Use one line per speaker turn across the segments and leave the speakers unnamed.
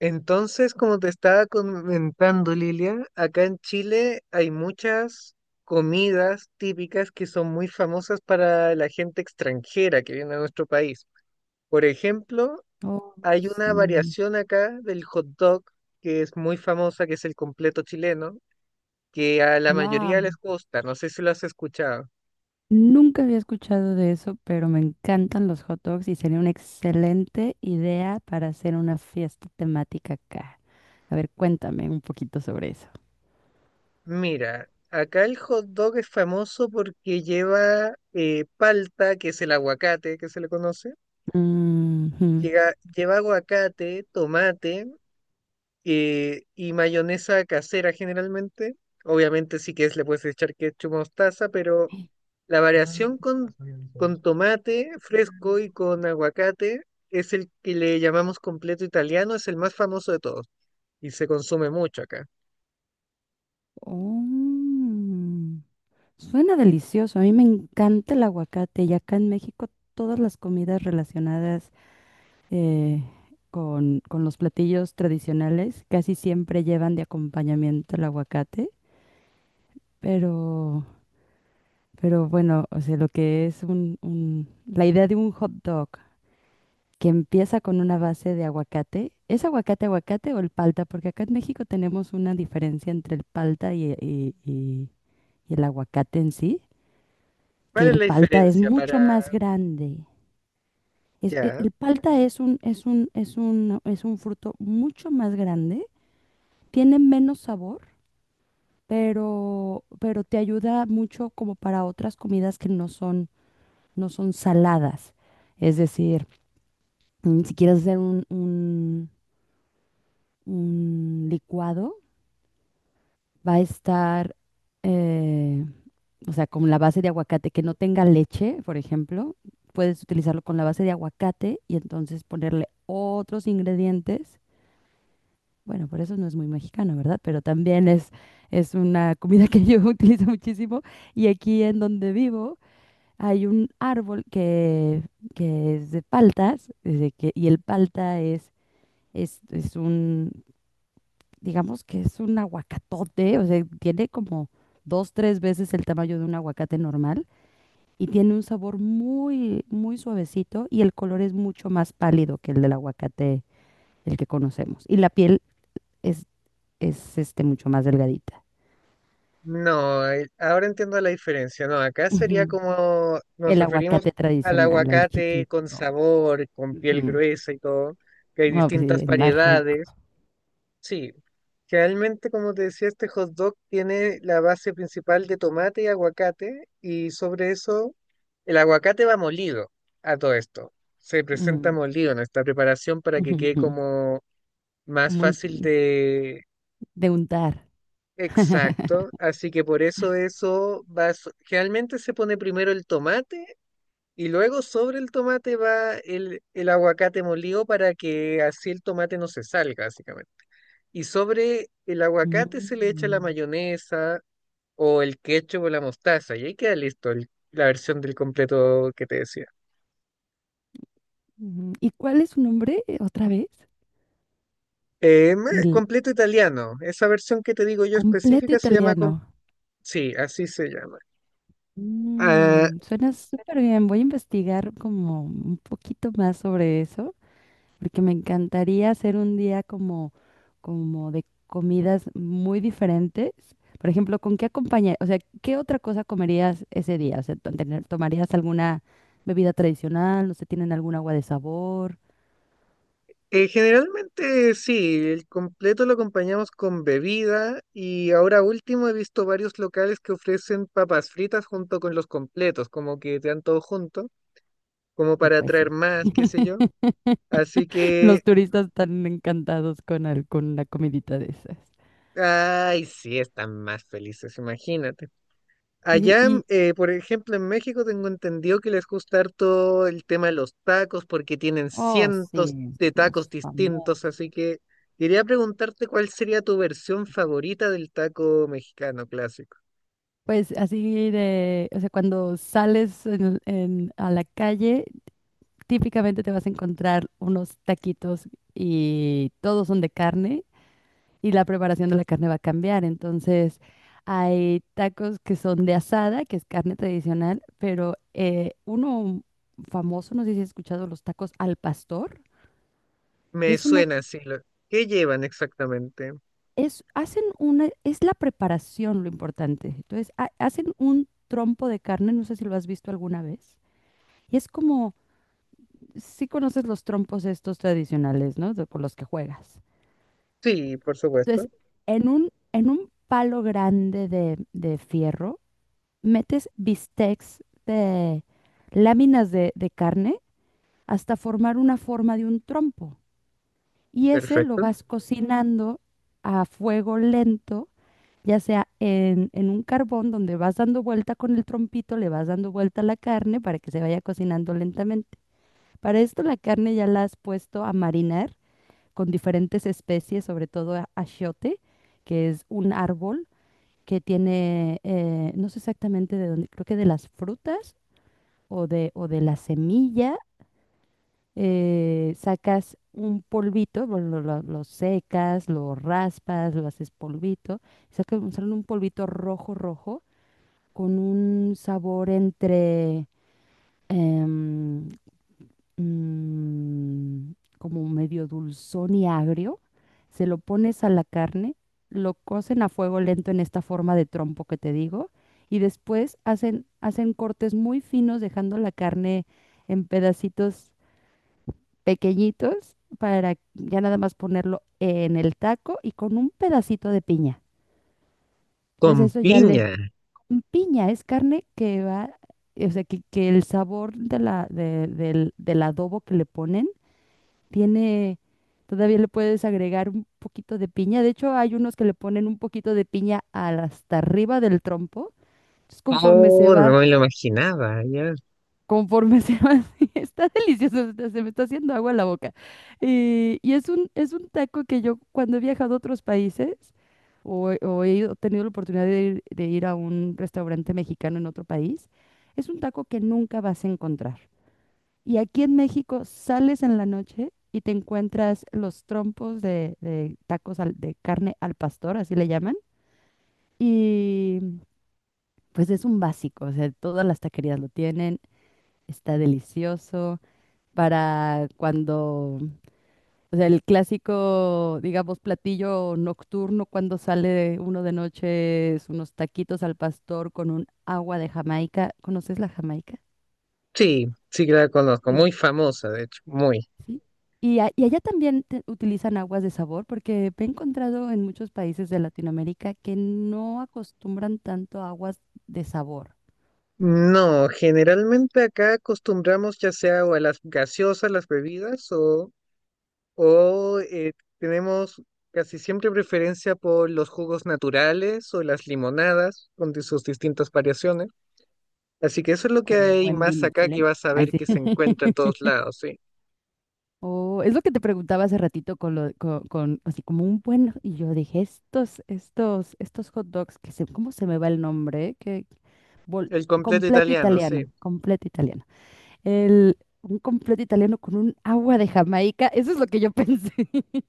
Entonces, como te estaba comentando, Lilia, acá en Chile hay muchas comidas típicas que son muy famosas para la gente extranjera que viene a nuestro país. Por ejemplo,
Oh,
hay una
sí.
variación acá del hot dog que es muy famosa, que es el completo chileno, que a la
Wow.
mayoría les gusta. No sé si lo has escuchado.
Nunca había escuchado de eso, pero me encantan los hot dogs y sería una excelente idea para hacer una fiesta temática acá. A ver, cuéntame un poquito sobre eso.
Mira, acá el hot dog es famoso porque lleva palta, que es el aguacate que se le conoce.
Ujú.
Lleva aguacate, tomate, y mayonesa casera generalmente. Obviamente, si quieres le puedes echar ketchup, mostaza, pero la variación con tomate fresco y con aguacate es el que le llamamos completo italiano, es el más famoso de todos y se consume mucho acá.
Oh, suena delicioso. A mí me encanta el aguacate y acá en México todas las comidas relacionadas eh, con los platillos tradicionales casi siempre llevan de acompañamiento el aguacate, pero Pero bueno, o sea, lo que es la idea de un hot dog que empieza con una base de aguacate, ¿es aguacate aguacate o el palta? Porque acá en México tenemos una diferencia entre el palta y, y el aguacate en sí, que
¿Cuál es
el
la
palta es
diferencia para
mucho más grande.
ya?
El palta es un, es un fruto mucho más grande, tiene menos sabor, pero te ayuda mucho como para otras comidas que no son. No son saladas. Es decir, si quieres hacer un licuado, va a estar, eh, o sea, con la base de aguacate que no tenga leche, por ejemplo, puedes utilizarlo con la base de aguacate y entonces ponerle otros ingredientes. Bueno, por eso no es muy mexicano, ¿verdad? Pero también es una comida que yo utilizo muchísimo. Y aquí en donde vivo, hay un árbol que es de paltas, y el palta es un, digamos que es un aguacatote, o sea, tiene como dos, tres veces el tamaño de un aguacate normal y tiene un sabor muy, muy suavecito y el color es mucho más pálido que el del aguacate, el que conocemos. Y la piel es, mucho más delgadita.
No, ahora entiendo la diferencia. No, acá sería
Ujú.
como nos
El
referimos
aguacate
al
tradicional, el
aguacate con
chiquito.
sabor, con piel
Ujú.
gruesa y todo, que hay
No, pues sí,
distintas
el más rico.
variedades. Sí, realmente como te decía, este hot dog tiene la base principal de tomate y aguacate, y sobre eso el aguacate va molido, a todo esto. Se presenta molido en esta preparación para que
Ujú,
quede
ujú.
como más
Como un,
fácil.
de untar.
Exacto, así que por eso eso va, generalmente se pone primero el tomate y luego sobre el tomate va el aguacate molido para que así el tomate no se salga, básicamente. Y sobre el aguacate se le echa la
Mm.
mayonesa o el ketchup o la mostaza, y ahí queda listo la versión del completo que te decía.
Ujú. ¿Y cuál es su nombre otra vez? El
Completo italiano, esa versión que te digo yo
completo
específica se llama,
italiano.
sí, así se llama. Ah,
Mm, suena súper bien. Voy a investigar como un poquito más sobre eso, porque me encantaría hacer un día como, como de comidas muy diferentes. Por ejemplo, ¿con qué acompañar? O sea, ¿qué otra cosa comerías ese día? O sea, ¿tomarías alguna bebida tradicional? No sé, ¿tienen algún agua de sabor?
Generalmente sí, el completo lo acompañamos con bebida, y ahora último he visto varios locales que ofrecen papas fritas junto con los completos, como que te dan todo junto, como
Y
para
pues
atraer
sí,
más, qué sé yo. Así que,
los turistas están encantados con, con la comidita de esas.
ay, sí, están más felices, imagínate.
Oye,
Allá,
y,
por ejemplo, en México tengo entendido que les gusta harto el tema de los tacos porque tienen
oh,
cientos
sí,
de
somos
tacos distintos,
famosos.
así que quería preguntarte cuál sería tu versión favorita del taco mexicano clásico.
Pues así de, o sea, cuando sales a la calle, típicamente te vas a encontrar unos taquitos y todos son de carne y la preparación de la carne va a cambiar. Entonces, hay tacos que son de asada, que es carne tradicional, pero uno famoso, no sé si has escuchado los tacos al pastor. Y
Me
es una,
suena así. ¿Qué llevan exactamente?
es, hacen una, es la preparación lo importante. Entonces, hacen un trompo de carne, no sé si lo has visto alguna vez. Y es como, si conoces los trompos estos tradicionales, ¿no? Con los que juegas.
Sí, por supuesto.
Entonces, en un palo grande de fierro, metes bistecs de láminas de carne hasta formar una forma de un trompo. Y ese lo
Perfecto.
vas cocinando a fuego lento ya sea en un carbón donde vas dando vuelta con el trompito, le vas dando vuelta a la carne para que se vaya cocinando lentamente. Para esto la carne ya la has puesto a marinar con diferentes especies, sobre todo achiote, que es un árbol que tiene, no sé exactamente de dónde, creo que de las frutas o de la semilla, sacas un polvito, lo, lo secas, lo raspas, lo haces polvito, sacas un sale un polvito rojo, rojo, con un sabor entre em, mm, como medio dulzón y agrio. Se lo pones a la carne, lo cocen a fuego lento en esta forma de trompo que te digo, y después hacen, hacen cortes muy finos, dejando la carne en pedacitos pequeñitos para ya nada más ponerlo en el taco y con un pedacito de piña.
Con
Entonces eso ya le,
piña.
mm, piña es carne que va, o sea, que el sabor de la, del, del adobo que le ponen tiene, todavía le puedes agregar un poquito de piña. De hecho, hay unos que le ponen un poquito de piña hasta arriba del trompo. Entonces, conforme se
Oh,
va
no me lo imaginaba, ya.
conforme se va está delicioso, hasta se me está haciendo agua en la boca. Y es un taco que yo cuando he viajado a otros países o, tenido la oportunidad de ir a un restaurante mexicano en otro país, es un taco que nunca vas a encontrar. Y aquí en México sales en la noche y te encuentras los trompos de tacos de carne al pastor, así le llaman. Y pues es un básico, o sea, todas las taquerías lo tienen, está delicioso para cuando, o sea, el clásico, digamos, platillo nocturno cuando sale uno de noche es unos taquitos al pastor con un agua de Jamaica. ¿Conoces la Jamaica?
Sí, sí que la conozco,
Sí.
muy famosa, de hecho, muy.
Sí. Y, y allá también utilizan aguas de sabor porque me he encontrado en muchos países de Latinoamérica que no acostumbran tanto a aguas de sabor
No, generalmente acá acostumbramos ya sea o a las gaseosas, las bebidas, o tenemos casi siempre preferencia por los jugos naturales o las limonadas con sus distintas variaciones. Así que eso es lo que
como el
hay
buen
más
vino
acá que
chileno.
vas a
Ay,
ver
sí.
que se encuentra en todos lados, sí.
Oh, es lo que te preguntaba hace ratito con lo, con, así como un buen, y yo dije, estos, estos hot dogs, que se, ¿cómo se me va el nombre? Que, bol-
El completo
completo
italiano, sí.
italiano, completo italiano. El, un completo italiano con un agua de Jamaica, eso es lo que yo pensé.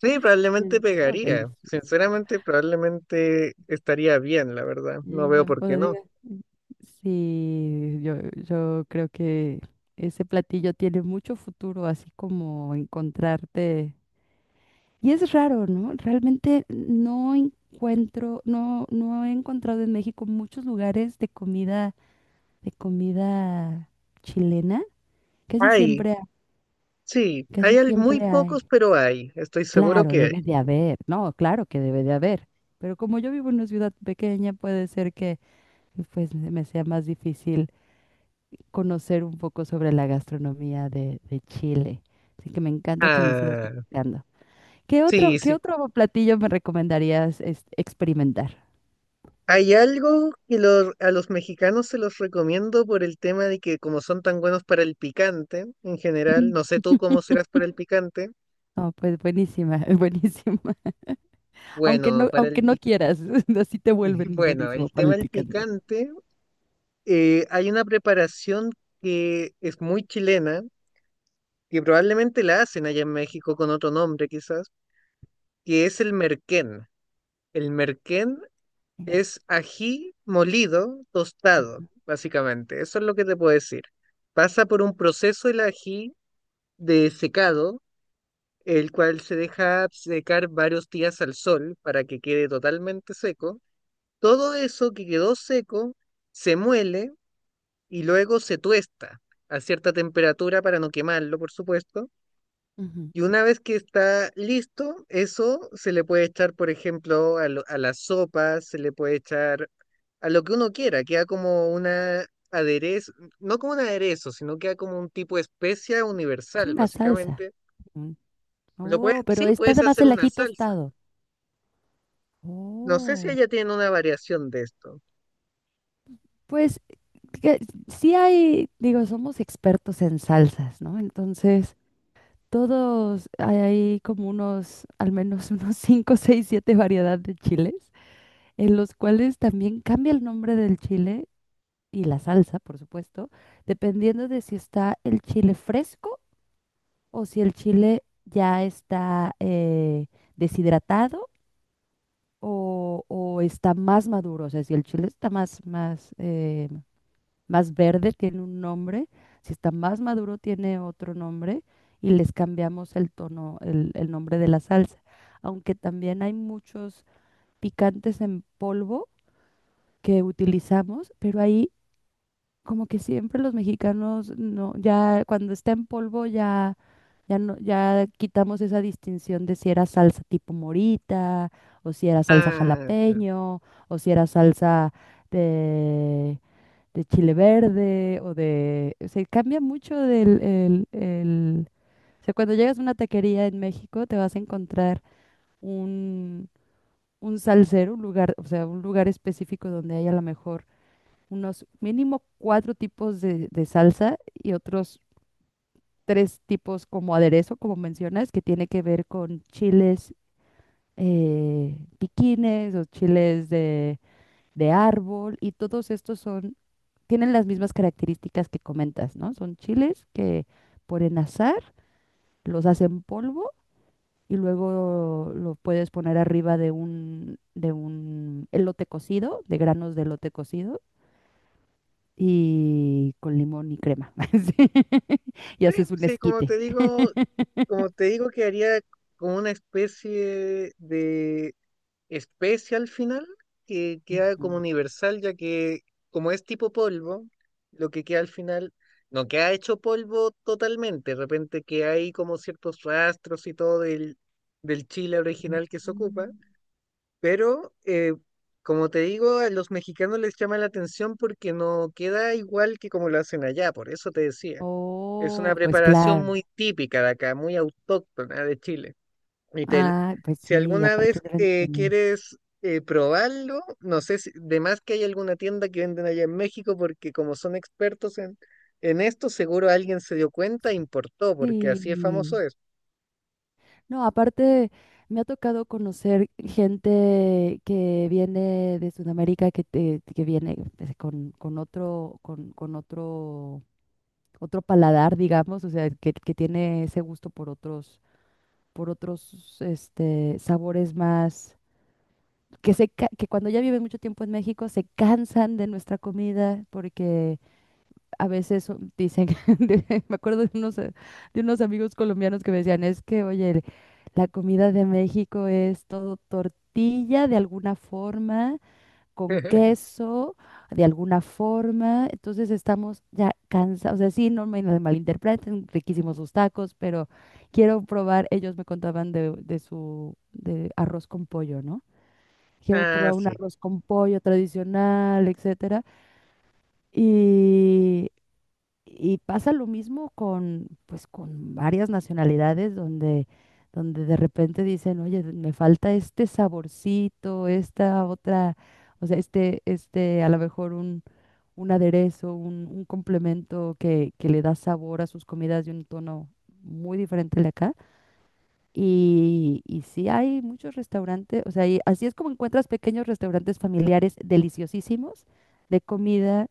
Sí,
Yo
probablemente
dije, no,
pegaría.
delicioso.
Sinceramente, probablemente estaría bien, la verdad. No
Y
veo
yo
por qué no.
podría. Sí, yo creo que ese platillo tiene mucho futuro, así como encontrarte. Y es raro, ¿no? Realmente no encuentro, no, no he encontrado en México muchos lugares de comida chilena. Casi
Ay,
siempre,
sí,
casi
hay muy
siempre hay.
pocos, pero hay, estoy seguro
Claro,
que hay.
debe de haber, no, claro que debe de haber. Pero como yo vivo en una ciudad pequeña, puede ser que pues me sea más difícil conocer un poco sobre la gastronomía de Chile. Así que me encanta que me sigas
Ah,
platicando.
sí,
Qué
sí.
otro platillo me recomendarías es, experimentar?
Hay algo que los, a los mexicanos se los recomiendo por el tema de que como son tan buenos para el picante en general,
Mm.
no sé tú cómo serás para el picante.
No, pues buenísima, buenísima.
Bueno, para el
Aunque no quieras, así te vuelven
bueno,
buenísimo
el
para
tema
el
del
picante.
picante, hay una preparación que es muy chilena, que probablemente la hacen allá en México con otro nombre quizás, que es el merquén. El merquén
Mm,
es ají molido, tostado,
ujú,
básicamente. Eso es lo que te puedo decir. Pasa por un proceso el ají de secado, el cual se deja secar varios días al sol para que quede totalmente seco. Todo eso que quedó seco se muele y luego se tuesta a cierta temperatura para no quemarlo, por supuesto,
ujú.
y una vez que está listo, eso se le puede echar, por ejemplo, a, a las sopas, se le puede echar a lo que uno quiera, queda como una aderezo, no como un aderezo, sino queda como un tipo de especia
Sí,
universal,
una salsa.
básicamente.
Mm.
Lo puede,
Oh, pero
sí,
está
puedes
además
hacer
el
una
ají
salsa.
tostado.
No sé si
Oh,
ella tiene una variación de esto.
pues que sí hay, digo, somos expertos en salsas, ¿no? Entonces, todos hay como unos, al menos unos 5, 6, 7 variedades de chiles, en los cuales también cambia el nombre del chile y la salsa, por supuesto, dependiendo de si está el chile fresco o si el chile ya está deshidratado o está más maduro. O sea, si el chile está más, más, más verde, tiene un nombre, si está más maduro, tiene otro nombre y les cambiamos el tono, el nombre de la salsa. Aunque también hay muchos picantes en polvo que utilizamos, pero ahí como que siempre los mexicanos no, ya cuando está en polvo ya, ya no, ya quitamos esa distinción de si era salsa tipo morita, o si era salsa
Ah, ya.
jalapeño, o si era salsa de, de chile verde, o de, se cambia mucho del, o sea, cuando llegas a una taquería en México te vas a encontrar un, un salsero, un lugar, o sea, un lugar específico donde hay a lo mejor unos mínimo cuatro tipos de salsa y otros tres tipos como aderezo, como mencionas, que tiene que ver con chiles piquines o chiles de árbol y todos estos son, tienen las mismas características que comentas, ¿no? Son chiles que por enazar los hacen polvo y luego lo puedes poner arriba de un elote cocido, de granos de elote cocido y con limón y crema. Sí. Y
Sí,
haces un
sí,
esquite.
como te digo, que haría como una especie de especie al final que queda como
Ujú.
universal, ya que como es tipo polvo, lo que queda al final no queda hecho polvo totalmente, de repente que hay como ciertos rastros y todo del, del chile original que se ocupa,
Mm.
pero como te digo, a los mexicanos les llama la atención porque no queda igual que como lo hacen allá, por eso te decía. Es una
Oh, pues
preparación
claro.
muy típica de acá, muy autóctona de Chile. Y
Ah, pues
si
sí, y
alguna vez
aparte deben de tener.
quieres probarlo, no sé si, de más que hay alguna tienda que venden allá en México, porque como son expertos en esto, seguro alguien se dio cuenta e importó, porque
Sí.
así es famoso es.
No, aparte me ha tocado conocer gente que viene de Sudamérica, que, que viene pues, con otro, otro paladar, digamos, o sea, que tiene ese gusto por otros, este, sabores más que, se, que cuando ya viven mucho tiempo en México se cansan de nuestra comida porque a veces dicen, me acuerdo de unos amigos colombianos que me decían, es que, oye, la comida de México es todo tortilla de alguna forma, con queso de alguna forma, entonces estamos ya cansados, o sea, sí, no me malinterpreten, riquísimos sus tacos, pero quiero probar, ellos me contaban de su de arroz con pollo, ¿no? Quiero
Ah,
probar un
sí,
arroz con pollo tradicional, etcétera. Y, y pasa lo mismo con, pues, con varias nacionalidades donde, donde de repente dicen, oye, me falta este saborcito, esta otra, o sea, este, a lo mejor un aderezo, un complemento que le da sabor a sus comidas de un tono muy diferente al de acá. Y sí hay muchos restaurantes, o sea, y así es como encuentras pequeños restaurantes familiares deliciosísimos de comida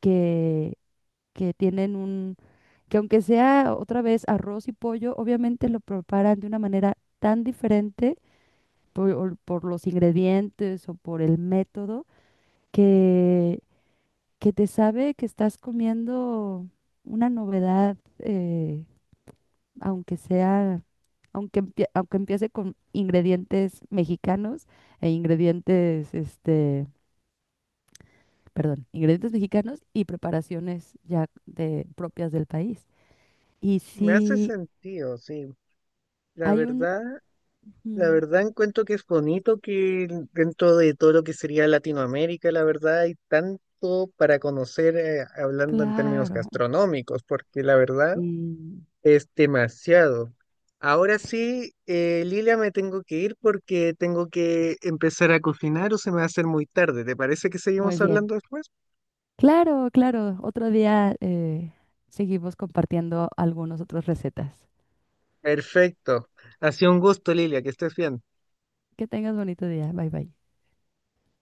que, que tienen un, que aunque sea otra vez arroz y pollo, obviamente lo preparan de una manera tan diferente por, o por los ingredientes o por el método que, que te sabe que estás comiendo una novedad aunque sea, aunque, aunque empiece con ingredientes mexicanos e ingredientes, este, perdón, ingredientes mexicanos y preparaciones ya de, propias del país. Y
me hace
si
sentido, sí. La
hay un,
verdad, la
mm,
verdad encuentro que es bonito que dentro de todo lo que sería Latinoamérica, la verdad hay tanto para conocer, hablando en términos
claro,
gastronómicos, porque la verdad...
mm,
Es demasiado. Ahora sí, Lilia, me tengo que ir porque tengo que empezar a cocinar o se me va a hacer muy tarde. ¿Te parece que
muy
seguimos
bien.
hablando después?
Claro, claro, otro día seguimos compartiendo algunas otras recetas.
Perfecto. Ha sido un gusto, Lilia, que estés bien.
Que tengas bonito día, bye bye.